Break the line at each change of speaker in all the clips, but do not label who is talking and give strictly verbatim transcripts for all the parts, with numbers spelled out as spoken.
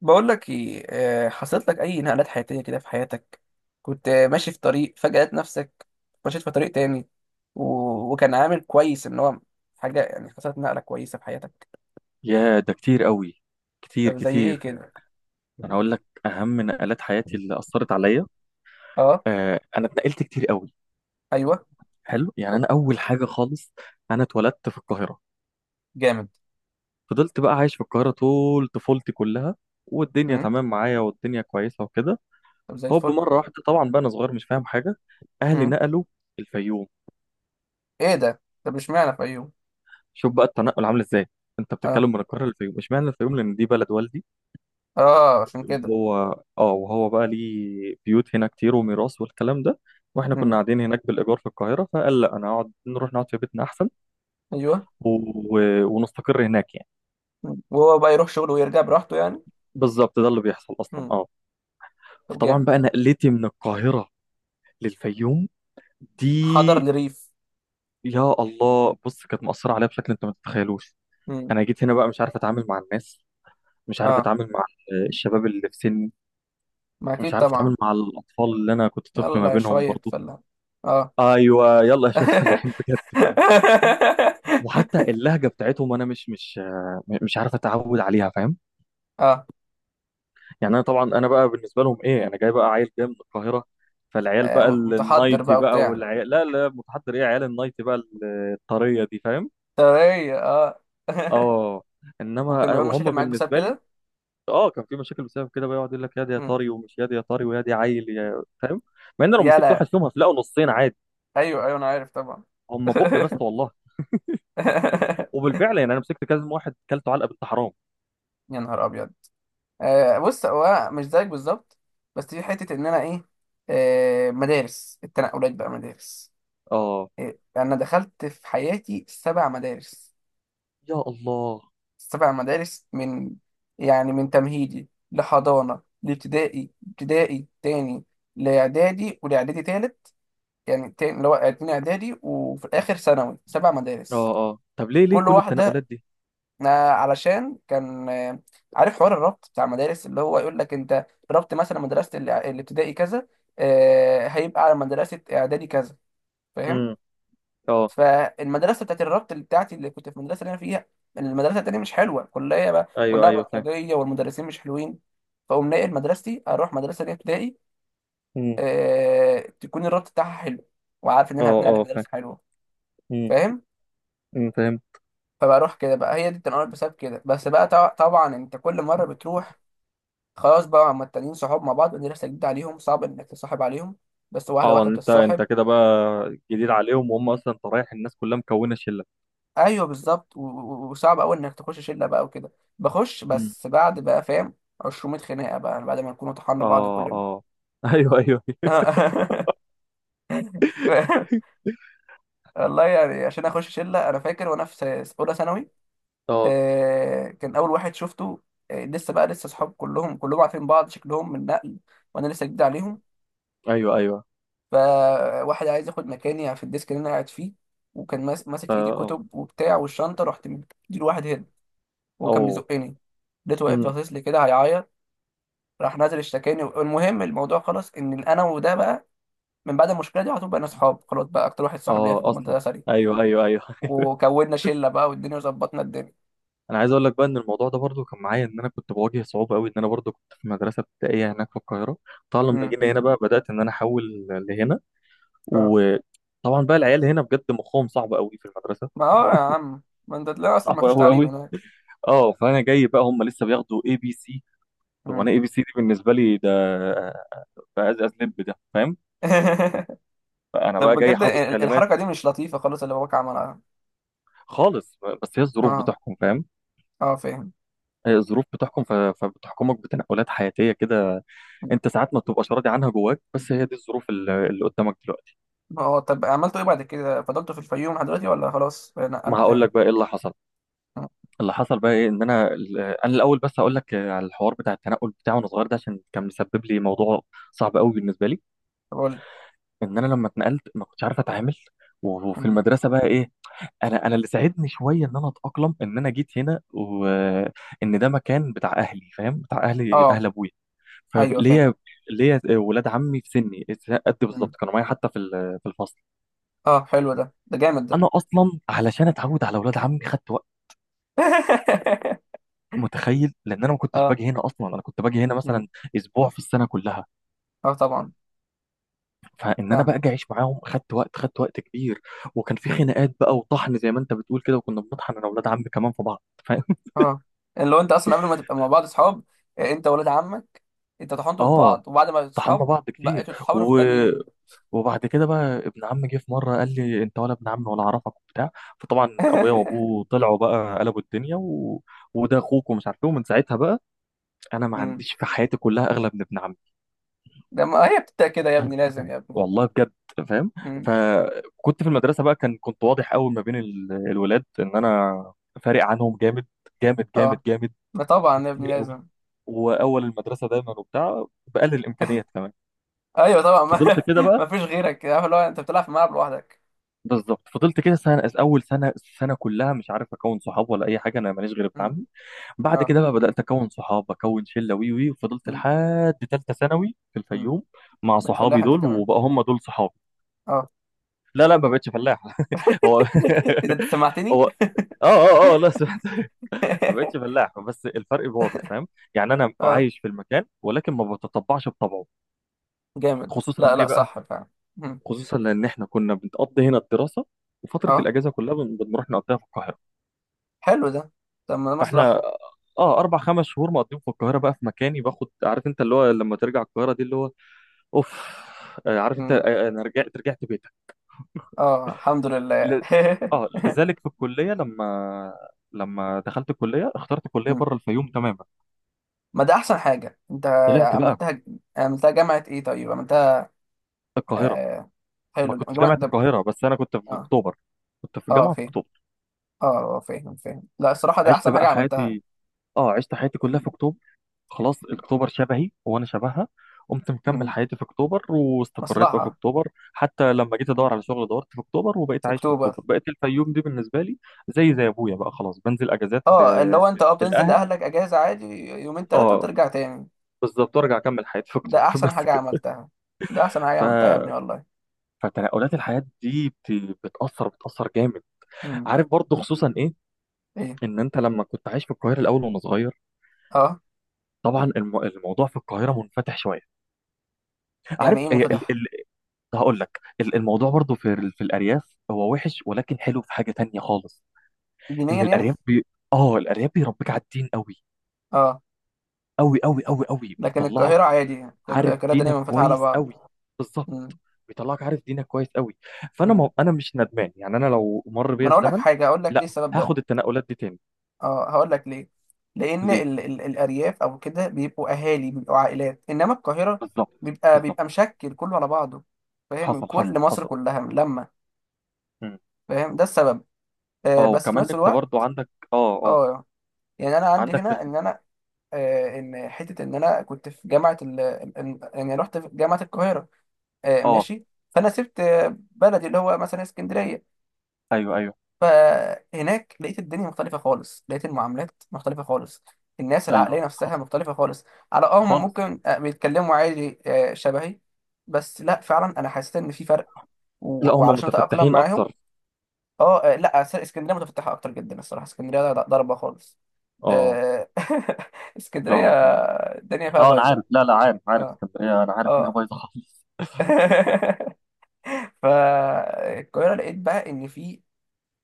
بقول لك ايه، آه، حصلت لك اي نقلات حياتيه كده في حياتك. كنت آه، ماشي في طريق فجاه لقيت نفسك مشيت في طريق تاني. و... وكان عامل كويس ان هو حاجه، يعني حصلت نقله كويسه في حياتك.
يا ده كتير قوي، كتير
طب زي ايه
كتير.
كده؟
انا هقول لك اهم نقلات حياتي اللي اثرت عليا.
اه
آه، انا اتنقلت كتير قوي.
ايوه
حلو. يعني انا اول حاجه خالص، انا اتولدت في القاهره.
جامد.
فضلت بقى عايش في القاهره طول طفولتي كلها، والدنيا
امم.
تمام معايا، والدنيا كويسه وكده.
طب زي
هوب،
الفل.
مره واحده، طبعا بقى انا صغير مش فاهم حاجه، اهلي
امم.
نقلوا الفيوم.
ايه ده؟ طب اشمعنى؟ في، ايوه.
شوف بقى التنقل عامل ازاي. انت
اه
بتتكلم من القاهره للفيوم، اشمعنى الفيوم؟ لان دي بلد والدي.
اه، عشان كده.
وهو اه وهو بقى ليه بيوت هنا كتير وميراث والكلام ده، واحنا كنا
امم.
قاعدين هناك بالايجار في القاهره، فقال لا، انا اقعد نروح نقعد في بيتنا احسن.
ايوه.
و... و... ونستقر هناك يعني.
مم. وهو بقى يروح شغله ويرجع براحته يعني.
بالظبط ده اللي بيحصل اصلا،
امم.
اه.
طب
فطبعا
جامد.
بقى نقلتي من القاهره للفيوم
حضر
دي،
لريف.
يا الله، بص، كانت مأثره عليا بشكل انت ما تتخيلوش.
امم.
انا جيت هنا بقى مش عارف اتعامل مع الناس، مش عارف
اه
اتعامل مع الشباب اللي في سني،
ما
مش
اكيد
عارف
طبعا.
اتعامل مع الاطفال اللي انا كنت طفل ما
يلا
بينهم
شويه
برضو.
فله. اه.
ايوه، يلا يا شباب الحين بجد بقى. وحتى اللهجه بتاعتهم انا مش مش آه، مش عارف اتعود عليها، فاهم؟
اه
يعني انا طبعا، انا بقى بالنسبه لهم ايه؟ انا جاي بقى عيل جاي من القاهره. فالعيال
آه،
بقى ال-
متحضر
النايتي
بقى
بقى،
وبتاع
والعيال لا لا، متحضر، ايه، عيال النايتي بقى ال- الطريه دي، فاهم؟
طبيعية اه.
اه. انما أنا-
وكان بيعمل مشاكل
وهم
معاك بسبب
بالنسبه لي.
كده؟
اه، كان في مشاكل بسبب كده بقى، يقعد يقول لك يا دي يا
مم.
طري، ومش يا دي يا طري، ويا دي عيل، يا، فاهم؟ مع ان لو مسكت واحد
يلا.
فيهم هتلاقوا نصين عادي.
ايوه ايوه انا عارف طبعا.
هم بق، بس والله، وبالفعل يعني انا مسكت كذا واحد كلته علقه بنت حرام.
يا نهار ابيض. آه بص، هو مش زيك بالظبط. بس في حته ان انا ايه. آه مدارس، التنقلات بقى مدارس.
اه،
إيه، انا دخلت في حياتي سبع مدارس.
يا الله.
سبع مدارس من، يعني من تمهيدي لحضانة لابتدائي، ابتدائي تاني، لإعدادي، ولإعدادي تالت، يعني تاني اللي هو اتنين إعدادي، وفي الآخر ثانوي سبع مدارس.
اه اه. طب ليه ليه
كل
كل التنقلات
واحدة،
دي؟
آه، علشان كان، آه، عارف حوار الربط بتاع المدارس اللي هو يقول لك أنت ربط مثلا مدرسة الإع- الابتدائي كذا، آه، هيبقى على مدرسة إعدادي كذا،
امم.
فاهم.
اه.
فالمدرسه بتاعت الربط اللي بتاعتي اللي كنت في المدرسه اللي انا فيها، المدرسه التانيه مش حلوه كلها بقى
ايوه
كلها
ايوه، فاهم.
بلطجيه والمدرسين مش حلوين. فاقوم ناقل مدرستي اروح مدرسه ليا ابتدائي،
امم.
آه... تكون الربط بتاعها حلو، وعارف ان
اه
انا هتنقل في
اه، فاهم.
مدرسه حلوه،
امم.
فاهم.
أمم، فاهم.
فبروح كده بقى، هي دي التنقل بسبب كده. بس بقى طبع- طبعا انت كل مره بتروح، خلاص بقى هما التانيين صحاب مع بعض، مدرسه جديده عليهم، صعب انك تصاحب عليهم، بس واحده
اه،
واحده
انت انت
بتتصاحب.
كده بقى جديد عليهم، وهم اصلا انت رايح الناس كلها مكونه شله.
ايوه بالظبط، و- و- وصعب قوي انك تخش شله بقى وكده. بخش
امم.
بس بعد بقى، فاهم، ميتين خناقه بقى بعد ما نكون طحنا بعض
اه
كلنا.
اه ايوه ايوه.
والله يعني عشان اخش شله، انا فاكر وانا في س- اولى ثانوي،
اه.
آه، كان اول واحد شفته، آه، لسه بقى، لسه اصحاب كلهم كلهم عارفين بعض شكلهم من نقل وانا لسه جديد عليهم.
ايوه ايوه.
فواحد عايز ياخد مكاني في الديسك اللي انا قاعد فيه، وكان ماس- ماسك
اه
في ايدي
اه.
كتب وبتاع والشنطه، رحت مديله واحد هيد. وهو كان
أوه.
بيزقني، لقيته واقف
امم.
باصص لي كده هيعيط. راح نازل اشتكاني. المهم الموضوع خلص ان انا وده بقى من بعد المشكله دي على طول بقينا اصحاب، خلاص بقى اكتر واحد صاحب ليا في
اه اصلا.
المدرسه دي.
ايوه ايوه ايوه
وكونا شله بقى والدنيا وظبطنا الدنيا.
انا عايز اقول لك بقى ان الموضوع ده برضو كان معايا، ان انا كنت بواجه صعوبه قوي، ان انا برضو كنت في مدرسه ابتدائيه هناك في القاهره. طبعا لما
امم.
جينا هنا بقى بدات ان انا احول لهنا،
اه،
وطبعا بقى العيال هنا بجد مخهم صعب قوي في المدرسه،
ما هو يا عم ما انت تلاقي اصلا
صعب
ما فيش
قوي
تعليم
قوي.
هناك.
اه، فانا جاي بقى هم لسه بياخدوا اي بي سي. طب انا
امم.
اي بي سي دي بالنسبه لي ده بقى از لب ده، فاهم؟ فانا
طب
بقى جاي
بجد
حافظ
ال-
كلمات.
الحركه دي مش لطيفه خالص اللي باباك عملها.
خالص، بس هي الظروف
اه
بتحكم، فاهم.
اه فاهم.
هي الظروف بتحكم، ف- فبتحكمك بتنقلات حياتيه كده، انت ساعات ما بتبقاش راضي عنها جواك، بس هي دي الظروف اللي اللي قدامك دلوقتي.
ما هو طب عملتوا ايه بعد كده؟ فضلتوا في الفيوم لحد دلوقتي ولا خلاص
ما
نقلتوا
هقول
تاني؟
لك بقى ايه اللي حصل.
مم.
اللي حصل بقى ايه، ان انا ال- انا الاول بس اقول لك على الحوار بتاع التنقل بتاعي وانا صغير ده، عشان كان مسبب لي موضوع صعب قوي بالنسبه لي.
طب قول لي.
ان انا لما اتنقلت ما كنتش عارف اتعامل، و- وفي
مم.
المدرسه بقى ايه. انا انا اللي ساعدني شويه ان انا اتاقلم ان انا جيت هنا، وان ده مكان بتاع اهلي، فاهم؟ بتاع اهلي،
اه
اهل ابويا.
ايوه فاهم.
فليا ليا ولاد عمي في سني قد
مم.
بالظبط، كانوا معايا حتى في ال- في الفصل.
اه حلو ده، ده جامد ده.
انا اصلا علشان اتعود على ولاد عمي خدت، متخيل؟ لان انا ما كنتش
اه.
باجي هنا اصلا، انا كنت باجي هنا
مم.
مثلا اسبوع في السنه كلها،
اه طبعا.
فان انا بقى
فاهمك.
اجي اعيش معاهم خدت وقت، خدت وقت كبير. وكان في خناقات بقى وطحن زي ما انت بتقول كده، وكنا بنطحن انا واولاد عمي كمان في بعض فاهم.
اه اللي هو انت اصلا قبل ما تبقى مع بعض صحاب، آه، انت ولاد عمك، انت طحنتوا في
اه،
بعض، وبعد ما بقيتوا
طحنا
صحاب
بعض كتير.
بقيتوا تتحاوروا في
و...
التانيين.
وبعد كده بقى ابن عمي جه في مره قال لي انت ولا ابن عمي ولا اعرفك وبتاع. فطبعا ابويا وابوه طلعوا بقى قلبوا الدنيا و... وده اخوك ومش عارف ايه، ومن ساعتها بقى انا ما
مم.
عنديش في حياتي كلها اغلى من ابن عمي،
ده ما هي بتبدأ كده يا ابني، لازم يا ابني.
والله بجد، فاهم.
مم.
فكنت في المدرسه بقى، كان كنت واضح قوي ما بين ال- الولاد ان انا فارق عنهم جامد، جامد جامد
اه
جامد،
ما طبعا يا ابني
بكتير قوي.
لازم.
واول المدرسه دايما وبتاع بقلل الامكانيات كمان.
ايوه طبعا
فضلت
ما,
كده بقى.
ما فيش غيرك، عارف، اللي هو انت بتلعب في الملعب لوحدك.
بالظبط، فضلت كده سنه، اول سنه، السنه كلها مش عارف اكون صحاب ولا اي حاجه، انا ماليش غير ابن
مم.
عمي. بعد
اه.
كده بقى بدات اكون صحاب، اكون شله، وي وي، وفضلت
مم.
لحد ثالثه ثانوي في
مم.
الفيوم مع
بتفلح
صحابي
انت
دول،
كمان؟
وبقى هم دول صحابي.
اه.
لا لا، ما بقتش فلاح هو
اذا انت سمعتني.
هو. اه اه اه، لا سمعت ما بقتش فلاح، بس الفرق واضح، فاهم؟ يعني انا
اه
عايش في المكان ولكن ما بتطبعش بطبعه،
جامد.
خصوصا
لا
ليه
لا
بقى،
صح فعلا. مم.
خصوصا لان احنا كنا بنقضي هنا الدراسه، وفتره
اه
الاجازه كلها بن- بنروح نقضيها في القاهره.
حلو ده. طب ما ده
فاحنا
مصلحة.
اه اربع خمس شهور مقضيهم في القاهره بقى في مكاني، باخد، عارف انت اللي هو لما ترجع القاهره دي اللي هو، اوف. آه، عارف انت، آه، انا رجعت رجعت بيتك.
اه الحمد لله.
ل... اه لذلك في الكليه لما لما دخلت الكليه اخترت كليه
مم.
بره الفيوم تماما.
ما ده احسن حاجه انت
طلعت بقى
عملتها. عملتها جامعه ايه طيب عملتها؟
القاهره.
آه...
ما
حلو
كنتش
جامعه
جامعه
ده.
القاهره، بس انا كنت في
اه
اكتوبر، كنت في
اه
الجامعه في
فاهم.
اكتوبر.
اه آه، فاهم فاهم. لا الصراحه ده
عشت
احسن حاجه
بقى
عملتها.
حياتي، اه عشت حياتي كلها في
مم.
اكتوبر، خلاص، اكتوبر شبهي وانا شبهها. قمت مكمل
مم.
حياتي في اكتوبر، واستقريت بقى في
مصلحه
اكتوبر، حتى لما جيت ادور على شغل دورت في اكتوبر، وبقيت
في
عايش في
اكتوبر.
اكتوبر، بقيت الفيوم دي بالنسبه لي زي زي ابويا بقى، خلاص، بنزل اجازات ل...
اه اللي هو انت اه بتنزل
للاهل
لاهلك اجازه عادي يومين ثلاثه
اه،
وترجع تاني.
بالظبط، وارجع اكمل حياتي في
ده
اكتوبر
احسن
بس
حاجه
كده.
عملتها، ده احسن حاجه
ف...
عملتها يا ابني والله.
فتنقلات الحياه دي بت... بتاثر بتاثر جامد.
مم.
عارف برضو خصوصا ايه؟
ايه؟
ان انت لما كنت عايش في القاهره الاول وانا صغير،
اه.
طبعا الم... الموضوع في القاهره منفتح شويه.
يعني
عارف
ايه
إيه ال...
منفتح؟
ال... هقول لك ال- الموضوع برضو في ال... في الارياف هو وحش، ولكن حلو في حاجه تانية خالص.
دينيا
ان
يعني؟
الارياف بي... اه الارياف بيربيك على الدين قوي،
اه.
قوي قوي قوي قوي،
لكن
بيطلعك
القاهره عادي يعني. كل
عارف
القاهره دينيا
دينك
منفتحه على
كويس
بعض.
قوي. بالظبط، بيطلعك عارف دينك كويس قوي. فانا،
مم.
ما انا مش ندمان، يعني انا لو مر
ما
بيا
انا اقول لك
الزمن
حاجه، اقول لك ليه
لا،
السبب ده.
هاخد التنقلات دي تاني.
اه هقول لك ليه. لان
ليه؟
ال ال الارياف او كده بيبقوا اهالي، بيبقوا عائلات، انما القاهره
بالظبط
بيبقى بيبقى
بالظبط.
مشكل كله على بعضه، فاهم، من
حصل حصل
كل مصر
حصل.
كلها لما.
مم.
فاهم ده السبب. آه
اه،
بس في
وكمان
نفس
انت
الوقت.
برضو عندك اه اه.
اه يعني انا عندي
عندك في
هنا
ال...
ان انا، آه ان حته ان انا كنت في جامعه ال ال- يعني رحت في جامعه القاهره، آه
اه
ماشي. فانا سبت آه، بلدي اللي هو مثلا اسكندريه.
ايوه ايوه
فهناك لقيت الدنيا مختلفة خالص، لقيت المعاملات مختلفة خالص، الناس
ايوه،
العقلية نفسها
حصل.
مختلفة خالص. على اه، هم
خالص.
ممكن آه، بيتكلموا عادي آه، شبهي، بس لا فعلا انا حسيت ان في فرق.
لا،
و-
هم
وعلشان اتأقلم
متفتحين
معاهم،
اكتر.
اه آه، لا أس- اسكندرية متفتحة اكتر جدا الصراحة. اسكندرية ض- ضربة خالص.
اه
آه، اسكندرية
اه اه
الدنيا فيها
اه، انا
بايظة.
عارف، لا لا، عارف عارف
اه
اسكندريه، انا عارف انها
اه.
بايظه خالص.
فالقاهرة لقيت بقى ان في،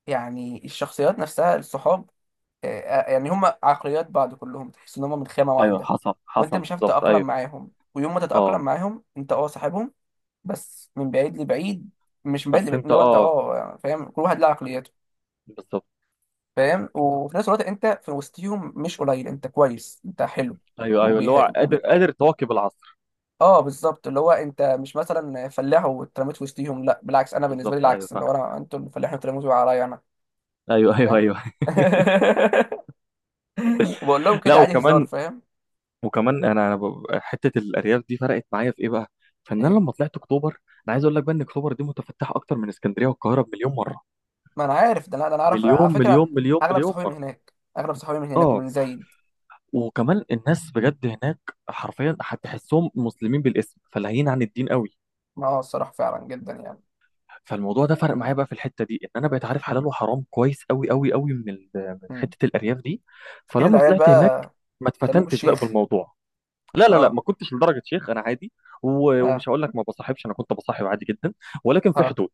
يعني الشخصيات نفسها، الصحاب، آه، آه، يعني هم عقليات بعض كلهم، تحس ان هم من خامة
ايوه،
واحدة.
حصل
وانت
حصل،
مش عارف
بالظبط،
تتأقلم
ايوه.
معاهم، ويوم ما
اه،
تتأقلم معاهم انت اه صاحبهم، بس من بعيد لبعيد. مش من بعيد
بس
لبعيد،
انت
اللي هو انت
اه،
اه فاهم كل واحد له عقليته،
بالظبط،
فاهم. وفي نفس الوقت انت في وسطهم مش قليل، انت كويس، انت حلو.
ايوه ايوه، اللي
وبيح...
هو قادر،
وبي...
قادر تواكب العصر.
اه بالظبط اللي هو انت مش مثلا فلاح واترميت في وسطهم، لا بالعكس. انا بالنسبه لي
بالظبط، ايوه
العكس اللي
فاهم.
هو انا، انتوا الفلاحين اترميتوا عليا انا،
ايوه ايوه
فاهم.
ايوه
وبقول لهم
لا،
كده عادي هزار
وكمان
فاهم.
وكمان انا انا ب- حته الارياف دي فرقت معايا في ايه بقى؟ فان انا
ايه؟
لما طلعت اكتوبر، انا عايز اقول لك بقى ان اكتوبر دي متفتحه اكتر من اسكندريه والقاهره بمليون مره،
ما انا عارف ده، انا ده انا عارف على
مليون
فكره.
مليون مليون
اغلب
مليون
صحابي من
مره.
هناك، اغلب صحابي من هناك
اه،
ومن زايد.
وكمان الناس بجد هناك حرفيا هتحسهم مسلمين بالاسم، فلاهيين عن الدين قوي.
ما اه الصراحه فعلا جدا يعني.
فالموضوع ده فرق معايا
مم.
بقى في الحته دي، ان انا بقيت عارف حلال
مم.
وحرام كويس قوي قوي قوي، من ال- من
مم.
حته الارياف دي.
اكيد
فلما
العيال
طلعت هناك
بقى
ما
سموك
اتفتنتش بقى
الشيخ.
بالموضوع. لا لا لا،
اه
ما كنتش لدرجه شيخ، انا عادي، و-
اه
ومش هقول لك ما بصاحبش، انا كنت بصاحب عادي جدا، ولكن في
اه.
حدود.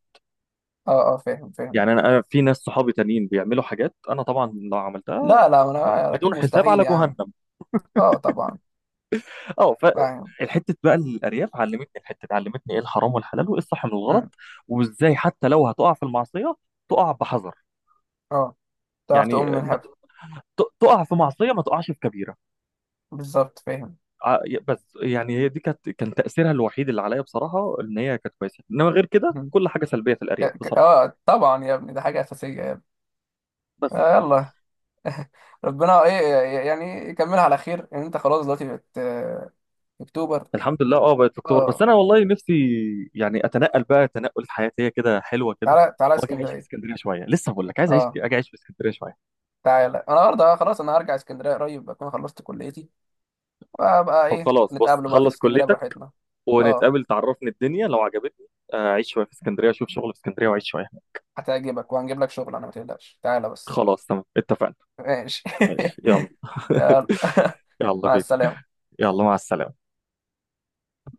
اه اه فاهم فاهم.
يعني انا أنا في ناس صحابي تانيين بيعملوا حاجات انا طبعا لو عملتها
لا لا ما انا اكيد
بدون حساب
مستحيل
على
يا عم.
جهنم.
اه طبعا.
اه.
فاهم.
فالحته بقى، الارياف علمتني، الحته دي علمتني ايه الحرام والحلال، وايه الصح من
مم.
الغلط، وازاي حتى لو هتقع في المعصيه تقع بحذر.
اه تعرف
يعني
تقوم من
ما
هب.
ت- ت- تقع في معصيه ما تقعش في كبيره.
بالظبط فاهم.
ع- بس يعني هي دي كانت كان تاثيرها الوحيد اللي عليا بصراحه، ان هي كانت كويسه، انما غير كده
مم.
كل حاجه سلبيه في
ك...
الارياف
ك...
بصراحه.
اه طبعا يا ابني ده حاجه اساسيه يا ابني.
بس،
آه يلا. ربنا ايه؟ يعني يكملها على خير ان انت خلاص دلوقتي بت... اكتوبر.
الحمد لله، اه بقت في اكتوبر. بس
اه
انا والله نفسي يعني اتنقل بقى تنقل حياتيه كده حلوه كده،
تعالى تعالى
واجي اعيش في
اسكندريه.
اسكندريه شويه. لسه بقول لك، عايز اعيش
اه
اجي اعيش في اسكندريه شويه.
تعالى انا النهارده، آه، خلاص انا هرجع اسكندريه قريب، اكون خلصت كليتي، وابقى
طب
ايه
خلاص، بص،
نتقابلوا بقى في
خلص
اسكندريه
كليتك،
براحتنا. اه
ونتقابل، تعرفني الدنيا لو عجبتني، آه، اعيش شويه في اسكندريه، اشوف شغل في اسكندريه، واعيش شويه هناك.
هتعجبك، وهنجيب لك شغل انا، ما تقلقش تعالى بس.
خلاص، تمام، اتفقنا.
ماشي.
ماشي، يلا
يلا.
يلا
مع
بينا.
السلامه.
يلا، مع السلامه.